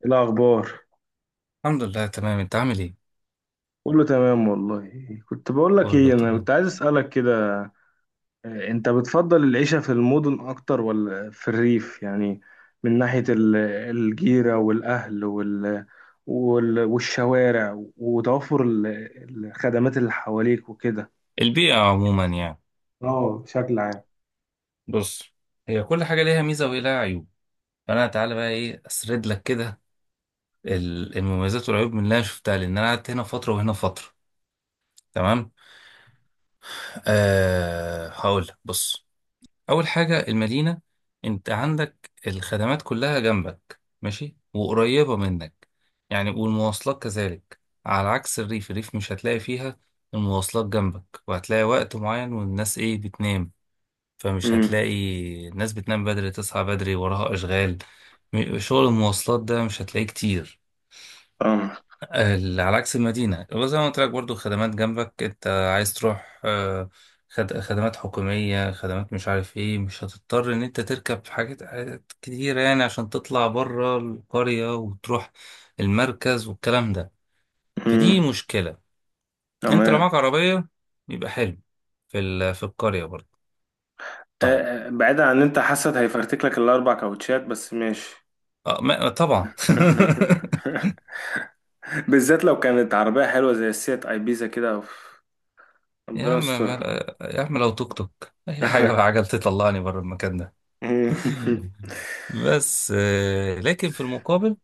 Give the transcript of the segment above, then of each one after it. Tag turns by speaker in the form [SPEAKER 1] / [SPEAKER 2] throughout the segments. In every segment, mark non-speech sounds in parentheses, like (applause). [SPEAKER 1] إيه الأخبار؟
[SPEAKER 2] الحمد لله تمام، انت عامل ايه؟
[SPEAKER 1] كله تمام والله. كنت بقول لك
[SPEAKER 2] كله
[SPEAKER 1] ايه، انا
[SPEAKER 2] تمام.
[SPEAKER 1] كنت عايز اسألك كده. إيه، انت بتفضل العيشة في المدن اكتر ولا في الريف يعني؟ من ناحية الجيرة والاهل والشوارع وتوفر الخدمات اللي حواليك وكده.
[SPEAKER 2] البيئة عموما يعني؟
[SPEAKER 1] اه، بشكل عام.
[SPEAKER 2] بص، هي كل حاجة ليها ميزة وليها عيوب. فانا تعالى بقى ايه اسرد لك كده المميزات والعيوب من اللي انا شفتها، لان انا قعدت هنا فترة وهنا فترة. تمام. هقول لك، بص، اول حاجة المدينة، انت عندك الخدمات كلها جنبك ماشي وقريبة منك، يعني، والمواصلات كذلك. على عكس الريف، الريف مش هتلاقي فيها المواصلات جنبك، وهتلاقي وقت معين والناس ايه بتنام، فمش
[SPEAKER 1] امم.
[SPEAKER 2] هتلاقي. الناس بتنام بدري، تصحى بدري وراها أشغال. شغل المواصلات ده مش هتلاقيه كتير.
[SPEAKER 1] فاهمك.
[SPEAKER 2] على عكس المدينة، وزي ما قلت لك برضو خدمات جنبك، انت عايز تروح خدمات حكومية، خدمات مش عارف ايه، مش هتضطر ان انت تركب حاجات كتيرة يعني عشان تطلع بره القرية وتروح المركز والكلام ده. فدي
[SPEAKER 1] امم.
[SPEAKER 2] مشكلة. انت لو
[SPEAKER 1] تمام.
[SPEAKER 2] معاك عربية يبقى حلو في في القرية برضه. طيب.
[SPEAKER 1] آه، آه، بعيدا عن إن انت حاسس هيفرتك لك الـ4 كاوتشات، بس ماشي.
[SPEAKER 2] اه طبعا (laughs)
[SPEAKER 1] (laughs) بالذات لو كانت عربية حلوة زي السيات ايبيزا كده، أوف.
[SPEAKER 2] يا
[SPEAKER 1] ربنا
[SPEAKER 2] عم مال...
[SPEAKER 1] يسترها.
[SPEAKER 2] يا عم لو توك توك اي حاجه بقى،
[SPEAKER 1] (laughs)
[SPEAKER 2] عجل تطلعني بره المكان ده. (laughs) بس لكن في المقابل،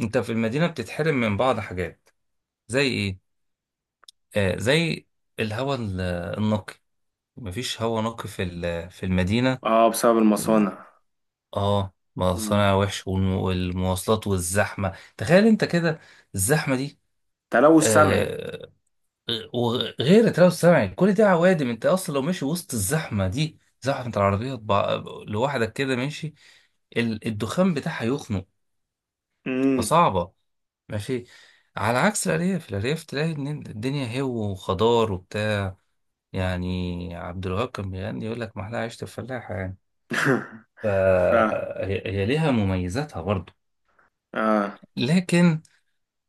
[SPEAKER 2] انت في المدينه بتتحرم من بعض حاجات. زي ايه؟ زي الهواء النقي. مفيش هواء نقي في في المدينه.
[SPEAKER 1] اه، بسبب المصانع.
[SPEAKER 2] اه،
[SPEAKER 1] مم.
[SPEAKER 2] مصانع وحش والمواصلات والزحمه، تخيل انت كده الزحمه دي.
[SPEAKER 1] تلوث سمعي.
[SPEAKER 2] آه، وغير تلوث سمعي، كل ده عوادم. انت اصلا لو ماشي وسط الزحمه دي، زحمه العربيات، لوحدك كده ماشي، الدخان بتاعها يخنق.
[SPEAKER 1] مم.
[SPEAKER 2] فصعبه ماشي. على عكس الارياف، الارياف تلاقي ان الدنيا هو وخضار وبتاع. يعني عبد الوهاب كان بيغني يقول لك محلاها عيشه الفلاحه يعني.
[SPEAKER 1] (laughs) ف اه
[SPEAKER 2] فهي ليها مميزاتها برضو. لكن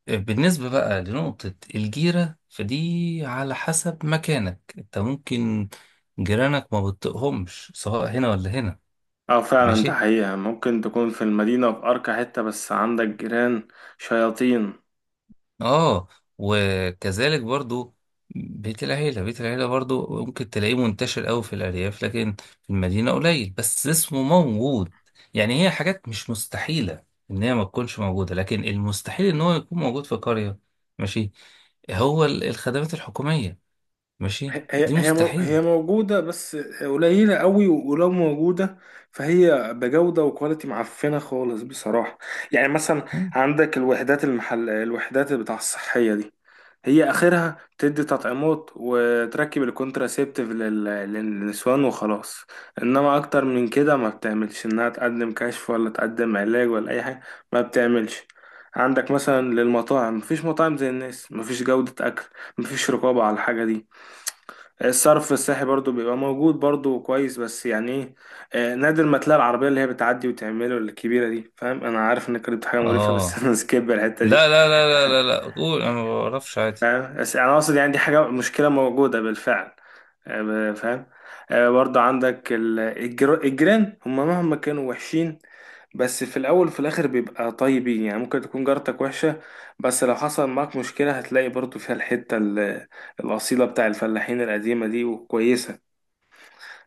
[SPEAKER 2] بالنسبة بقى لنقطة الجيرة، فدي على حسب مكانك انت. ممكن جيرانك ما بتطقهمش، سواء هنا ولا هنا.
[SPEAKER 1] اه، فعلا، ده
[SPEAKER 2] ماشي.
[SPEAKER 1] حقيقة. ممكن تكون في المدينة في أرقى حتة بس عندك جيران شياطين.
[SPEAKER 2] اه. وكذلك برضو، بيت العيلة، برضو ممكن تلاقيه منتشر قوي في الأرياف، لكن في المدينة قليل، بس اسمه موجود. يعني هي حاجات مش مستحيلة إن هي ما تكونش موجودة، لكن المستحيل إن هو يكون موجود في قرية. ماشي. هو الخدمات الحكومية. ماشي. دي
[SPEAKER 1] هي
[SPEAKER 2] مستحيل.
[SPEAKER 1] موجودة، بس قليلة قوي، ولو موجودة فهي بجودة وكواليتي معفنة خالص بصراحة. يعني مثلا، عندك الوحدات بتاع الصحية دي، هي آخرها تدي تطعيمات وتركب الكونتراسيبتيف للنسوان وخلاص. إنما أكتر من كده ما بتعملش، إنها تقدم كشف ولا تقدم علاج ولا أي حاجة ما بتعملش. عندك مثلا للمطاعم، مفيش مطاعم زي الناس، مفيش جودة أكل، مفيش رقابة على الحاجة دي. الصرف الصحي برضو بيبقى موجود برضو كويس، بس يعني ايه، نادر ما تلاقي العربية اللي هي بتعدي وتعمله الكبيرة دي. فاهم، انا عارف انك قلت حاجة مقرفة بس (laughs)
[SPEAKER 2] اه.
[SPEAKER 1] انا سكيب الحتة دي.
[SPEAKER 2] لا، قول انا ما بعرفش عادي.
[SPEAKER 1] فاهم، بس انا اقصد يعني دي حاجة مشكلة موجودة بالفعل. فاهم. برضو عندك الجيران، هم مهما كانوا وحشين بس في الاول وفي الاخر بيبقى طيبين. يعني ممكن تكون جارتك وحشة، بس لو حصل معاك مشكلة هتلاقي برضو فيها الحتة الأصيلة بتاع الفلاحين القديمة دي، وكويسة.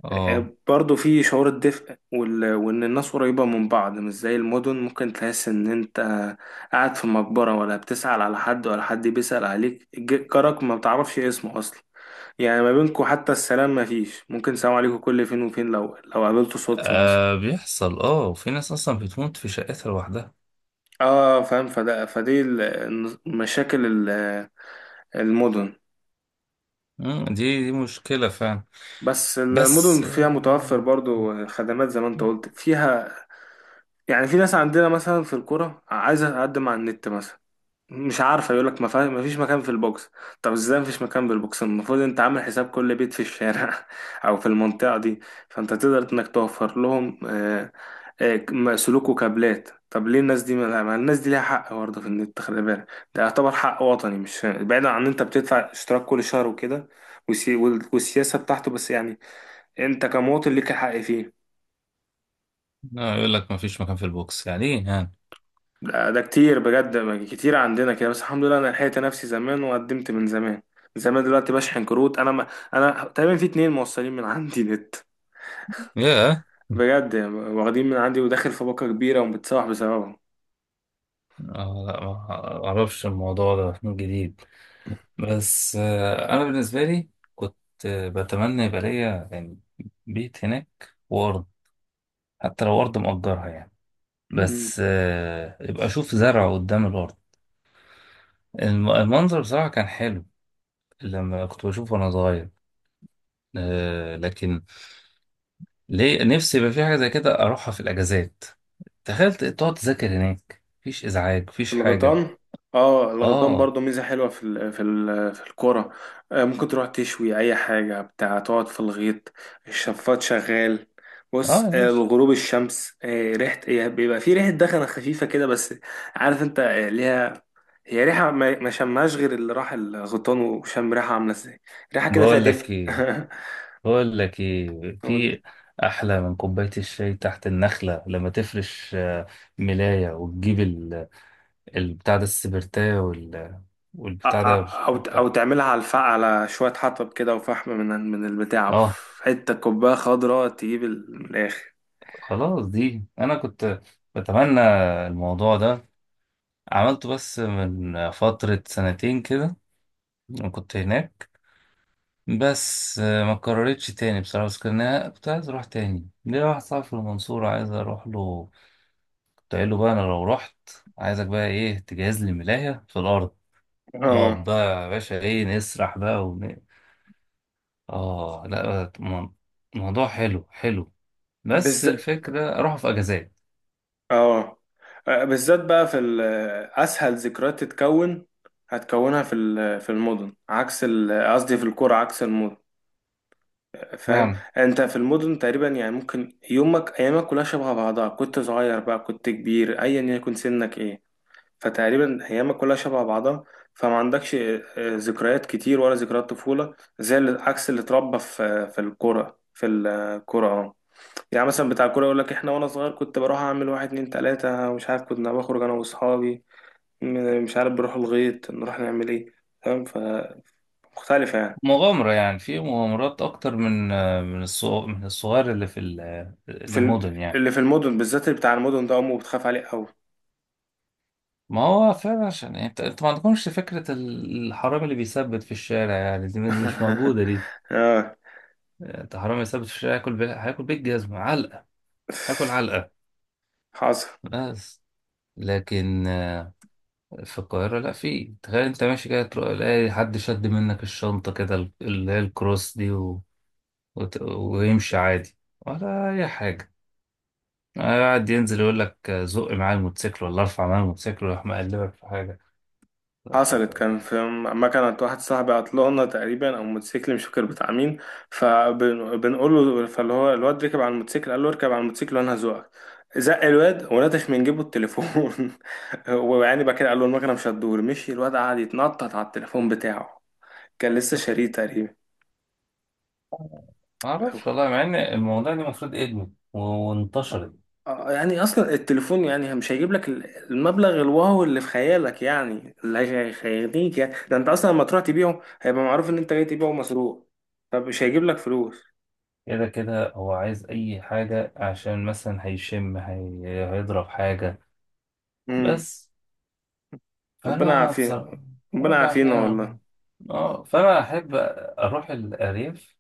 [SPEAKER 2] اه.
[SPEAKER 1] برضه في شعور الدفء وإن الناس قريبة من بعض، مش زي المدن ممكن تحس إن أنت قاعد في مقبرة، ولا بتسأل على حد ولا حد بيسأل عليك، جارك ما بتعرفش اسمه أصلا. يعني ما بينكوا حتى السلام ما فيش، ممكن سلام عليكم كل فين وفين لو قابلته صدفة مثلا.
[SPEAKER 2] بيحصل، اه، وفي ناس اصلا بتموت في شقتها لوحدها.
[SPEAKER 1] اه فاهم، فدي مشاكل المدن.
[SPEAKER 2] مم، دي مشكلة فعلا.
[SPEAKER 1] بس المدن
[SPEAKER 2] بس
[SPEAKER 1] فيها متوفر
[SPEAKER 2] آه.
[SPEAKER 1] برضو خدمات زي ما انت قلت فيها. يعني في ناس عندنا مثلا في القرى عايزة تقدم على النت مثلا، مش عارفه، يقول لك ما فيش مكان في البوكس. طب ازاي ما فيش مكان في البوكس؟ المفروض انت عامل حساب كل بيت في الشارع (laughs) او في المنطقه دي. فانت تقدر انك توفر لهم سلوك وكابلات. طب ليه الناس دي ما ما الناس دي ليها حق برضه في النت، خلي بالك ده يعتبر حق وطني. مش بعيدا عن ان انت بتدفع اشتراك كل شهر وكده، والسياسه بتاعته، بس يعني انت كمواطن ليك الحق فيه.
[SPEAKER 2] لا، يقول لك ما فيش مكان في البوكس، يعني ايه يعني؟
[SPEAKER 1] ده كتير بجد، كتير عندنا كده. بس الحمد لله انا لحقت نفسي زمان وقدمت من زمان. من زمان دلوقتي بشحن كروت. انا ما انا تقريبا في 2 موصلين من عندي (laughs) نت.
[SPEAKER 2] ياه.
[SPEAKER 1] بجد يعني واخدين من عندي وداخل في باقة كبيرة ومتصاح بسببهم.
[SPEAKER 2] آه، لا ما اعرفش الموضوع ده من جديد. بس آه، انا بالنسبة لي كنت بتمنى يبقى ليا يعني بيت هناك وارض، حتى لو ارض مأجرها يعني، بس آه يبقى اشوف زرع قدام الارض. المنظر بصراحة كان حلو لما كنت بشوفه وأنا صغير. آه، لكن ليه، نفسي يبقى في حاجة زي كده أروحها في الأجازات. تخيل تقعد تذاكر هناك، مفيش إزعاج مفيش حاجة.
[SPEAKER 1] الغيطان. اه، الغيطان
[SPEAKER 2] آه.
[SPEAKER 1] برضو ميزة حلوة في الكورة. آه، ممكن تروح تشوي أي حاجة بتاع، تقعد في الغيط، الشفاط شغال.
[SPEAKER 2] آه
[SPEAKER 1] بص،
[SPEAKER 2] يا باشا.
[SPEAKER 1] الغروب، الشمس، ريحة، هي بيبقى في ريحة دخنة خفيفة كده بس. عارف انت، ليها، هي ريحة ما شمهاش غير اللي راح الغيطان وشم ريحة عاملة ازاي. ريحة كده فيها
[SPEAKER 2] بقول لك
[SPEAKER 1] دفء.
[SPEAKER 2] إيه،
[SPEAKER 1] (laughs) أو
[SPEAKER 2] في أحلى من كوباية الشاي تحت النخلة، لما تفرش ملاية، وتجيب البتاع ده، السبرتاية، والبتاع ده،
[SPEAKER 1] أو
[SPEAKER 2] بتاع،
[SPEAKER 1] تعملها على الفحم، على شوية حطب كده وفحم من من البتاع،
[SPEAKER 2] آه.
[SPEAKER 1] في حتة كوباية خضراء تجيب من الآخر.
[SPEAKER 2] خلاص دي أنا كنت بتمنى. الموضوع ده عملته بس من فترة سنتين كده، كنت هناك. بس ما كررتش تاني بصراحة. بس كان أنا كنت عايز أروح تاني، ليا واحد صاحبي في المنصورة عايز أروح له. كنت قايل له بقى، أنا لو رحت عايزك بقى إيه تجهز لي ملاية في الأرض، نقعد
[SPEAKER 1] اه
[SPEAKER 2] بقى يا باشا إيه نسرح بقى ون... آه لا موضوع حلو بس
[SPEAKER 1] بالذات.
[SPEAKER 2] الفكرة أروح في أجازات
[SPEAKER 1] اه. بالذات بقى اسهل ذكريات تتكون، هتكونها في المدن، عكس قصدي في القرى عكس المدن، فاهم.
[SPEAKER 2] يعني.
[SPEAKER 1] انت في المدن تقريبا يعني ممكن ايامك كلها شبه بعضها، كنت صغير بقى كنت كبير ايا يكن سنك ايه. فتقريبا ايامك كلها شبه بعضها. فما عندكش ذكريات كتير، ولا ذكريات طفولة، عكس اللي اتربى في القرى في القرى. يعني مثلا بتاع الكورة يقول لك احنا وانا صغير كنت بروح اعمل واحد اتنين تلاتة، مش عارف، كنا بخرج انا واصحابي، مش عارف بروح الغيط نروح نعمل ايه، فاهم، فمختلفة يعني.
[SPEAKER 2] مغامرة يعني، في مغامرات أكتر من من الصغ... من الصغير اللي في المدن يعني.
[SPEAKER 1] اللي في المدن، بالذات اللي بتاع المدن ده امه بتخاف عليه قوي.
[SPEAKER 2] ما هو فعلا، عشان يعني انت ما عندكمش فكرة الحرامي اللي بيثبت في الشارع يعني، دي مش موجودة دي.
[SPEAKER 1] (laughs) اه،
[SPEAKER 2] انت حرامي يثبت في الشارع هياكل بيه، جزمة علقة، هياكل علقة.
[SPEAKER 1] حصل.
[SPEAKER 2] بس. لكن في القاهرة لا، في تخيل انت ماشي كده، تروح تلاقي حد شد منك الشنطة كده، اللي هي الكروس دي و... وت... ويمشي عادي، ولا أي حاجة. قاعد ينزل يقول لك زق معايا الموتوسيكل، ولا ارفع معايا الموتوسيكل، ويروح مقلبك في حاجة.
[SPEAKER 1] حصلت، كان في، ما كانت واحد صاحبي عطلانة تقريبا، او موتوسيكل مش فاكر بتاع مين. فبنقول له فاللي هو الواد ركب على الموتوسيكل، قال له اركب على الموتوسيكل وانا هزوقك. زق الواد ونتش من جيبه التليفون. (laughs) ويعني بقى كده، قال له المكنه مش هتدور، مشي الواد قعد يتنطط على التليفون بتاعه. كان لسه شاريه تقريبا.
[SPEAKER 2] ما اعرفش والله، مع ان الموضوع ده المفروض ادمي وانتشرت.
[SPEAKER 1] يعني اصلا التليفون يعني مش هيجيب لك المبلغ الواو اللي في خيالك يعني، اللي هيغنيك يعني. ده انت اصلا لما تروح تبيعه هيبقى معروف ان انت جاي تبيعه مسروق، فمش هيجيب لك فلوس.
[SPEAKER 2] كده كده هو عايز اي حاجة عشان مثلا هيشم، هي... هيضرب حاجة.
[SPEAKER 1] امم.
[SPEAKER 2] بس.
[SPEAKER 1] ربنا
[SPEAKER 2] فانا
[SPEAKER 1] يعافينا.
[SPEAKER 2] بصراحة،
[SPEAKER 1] ربنا
[SPEAKER 2] رب عافية
[SPEAKER 1] يعافينا والله.
[SPEAKER 2] والله. اه، فانا احب اروح الارياف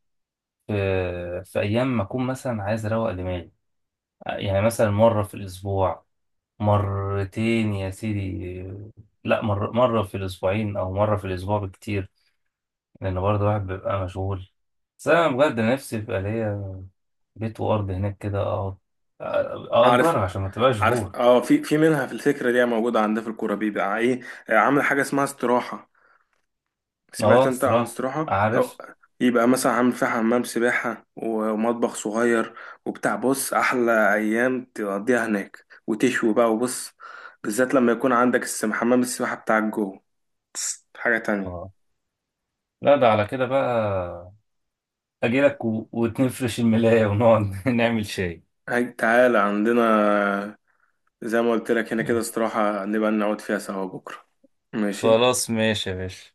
[SPEAKER 2] في... في ايام ما اكون مثلا عايز اروق دماغي. يعني مثلا مرة في الاسبوع، مرتين يا سيدي. لا مر... مرة في الاسبوعين او مرة في الاسبوع بكتير، لأن برضه الواحد بيبقى مشغول. بس أنا بجد نفسي يبقى ليا بيت وأرض هناك كده، أقعد أأجرها
[SPEAKER 1] عارف.
[SPEAKER 2] عشان ما تبقاش
[SPEAKER 1] عارف،
[SPEAKER 2] بور.
[SPEAKER 1] اه، في منها. في الفكره دي موجوده عندنا في الكوره، بيبقى ايه، عامل حاجه اسمها استراحه. سمعت
[SPEAKER 2] أه
[SPEAKER 1] انت عن
[SPEAKER 2] الصراحة.
[SPEAKER 1] استراحة او؟
[SPEAKER 2] عارف.
[SPEAKER 1] يبقى مثلا عامل فيها حمام سباحة ومطبخ صغير وبتاع. بص، احلى ايام تقضيها هناك، وتشوي بقى. وبص، بالذات لما يكون عندك حمام السباحة بتاعك جوه. بص، حاجة تانية.
[SPEAKER 2] اه. لا ده على كده بقى أجيلك و... وتنفرش الملاية ونقعد (laughs) نعمل شاي.
[SPEAKER 1] هاي تعالى عندنا، زي ما قلت لك هنا كده استراحة، نبقى نقعد فيها سوا بكرة. ماشي.
[SPEAKER 2] خلاص ماشي يا باشا.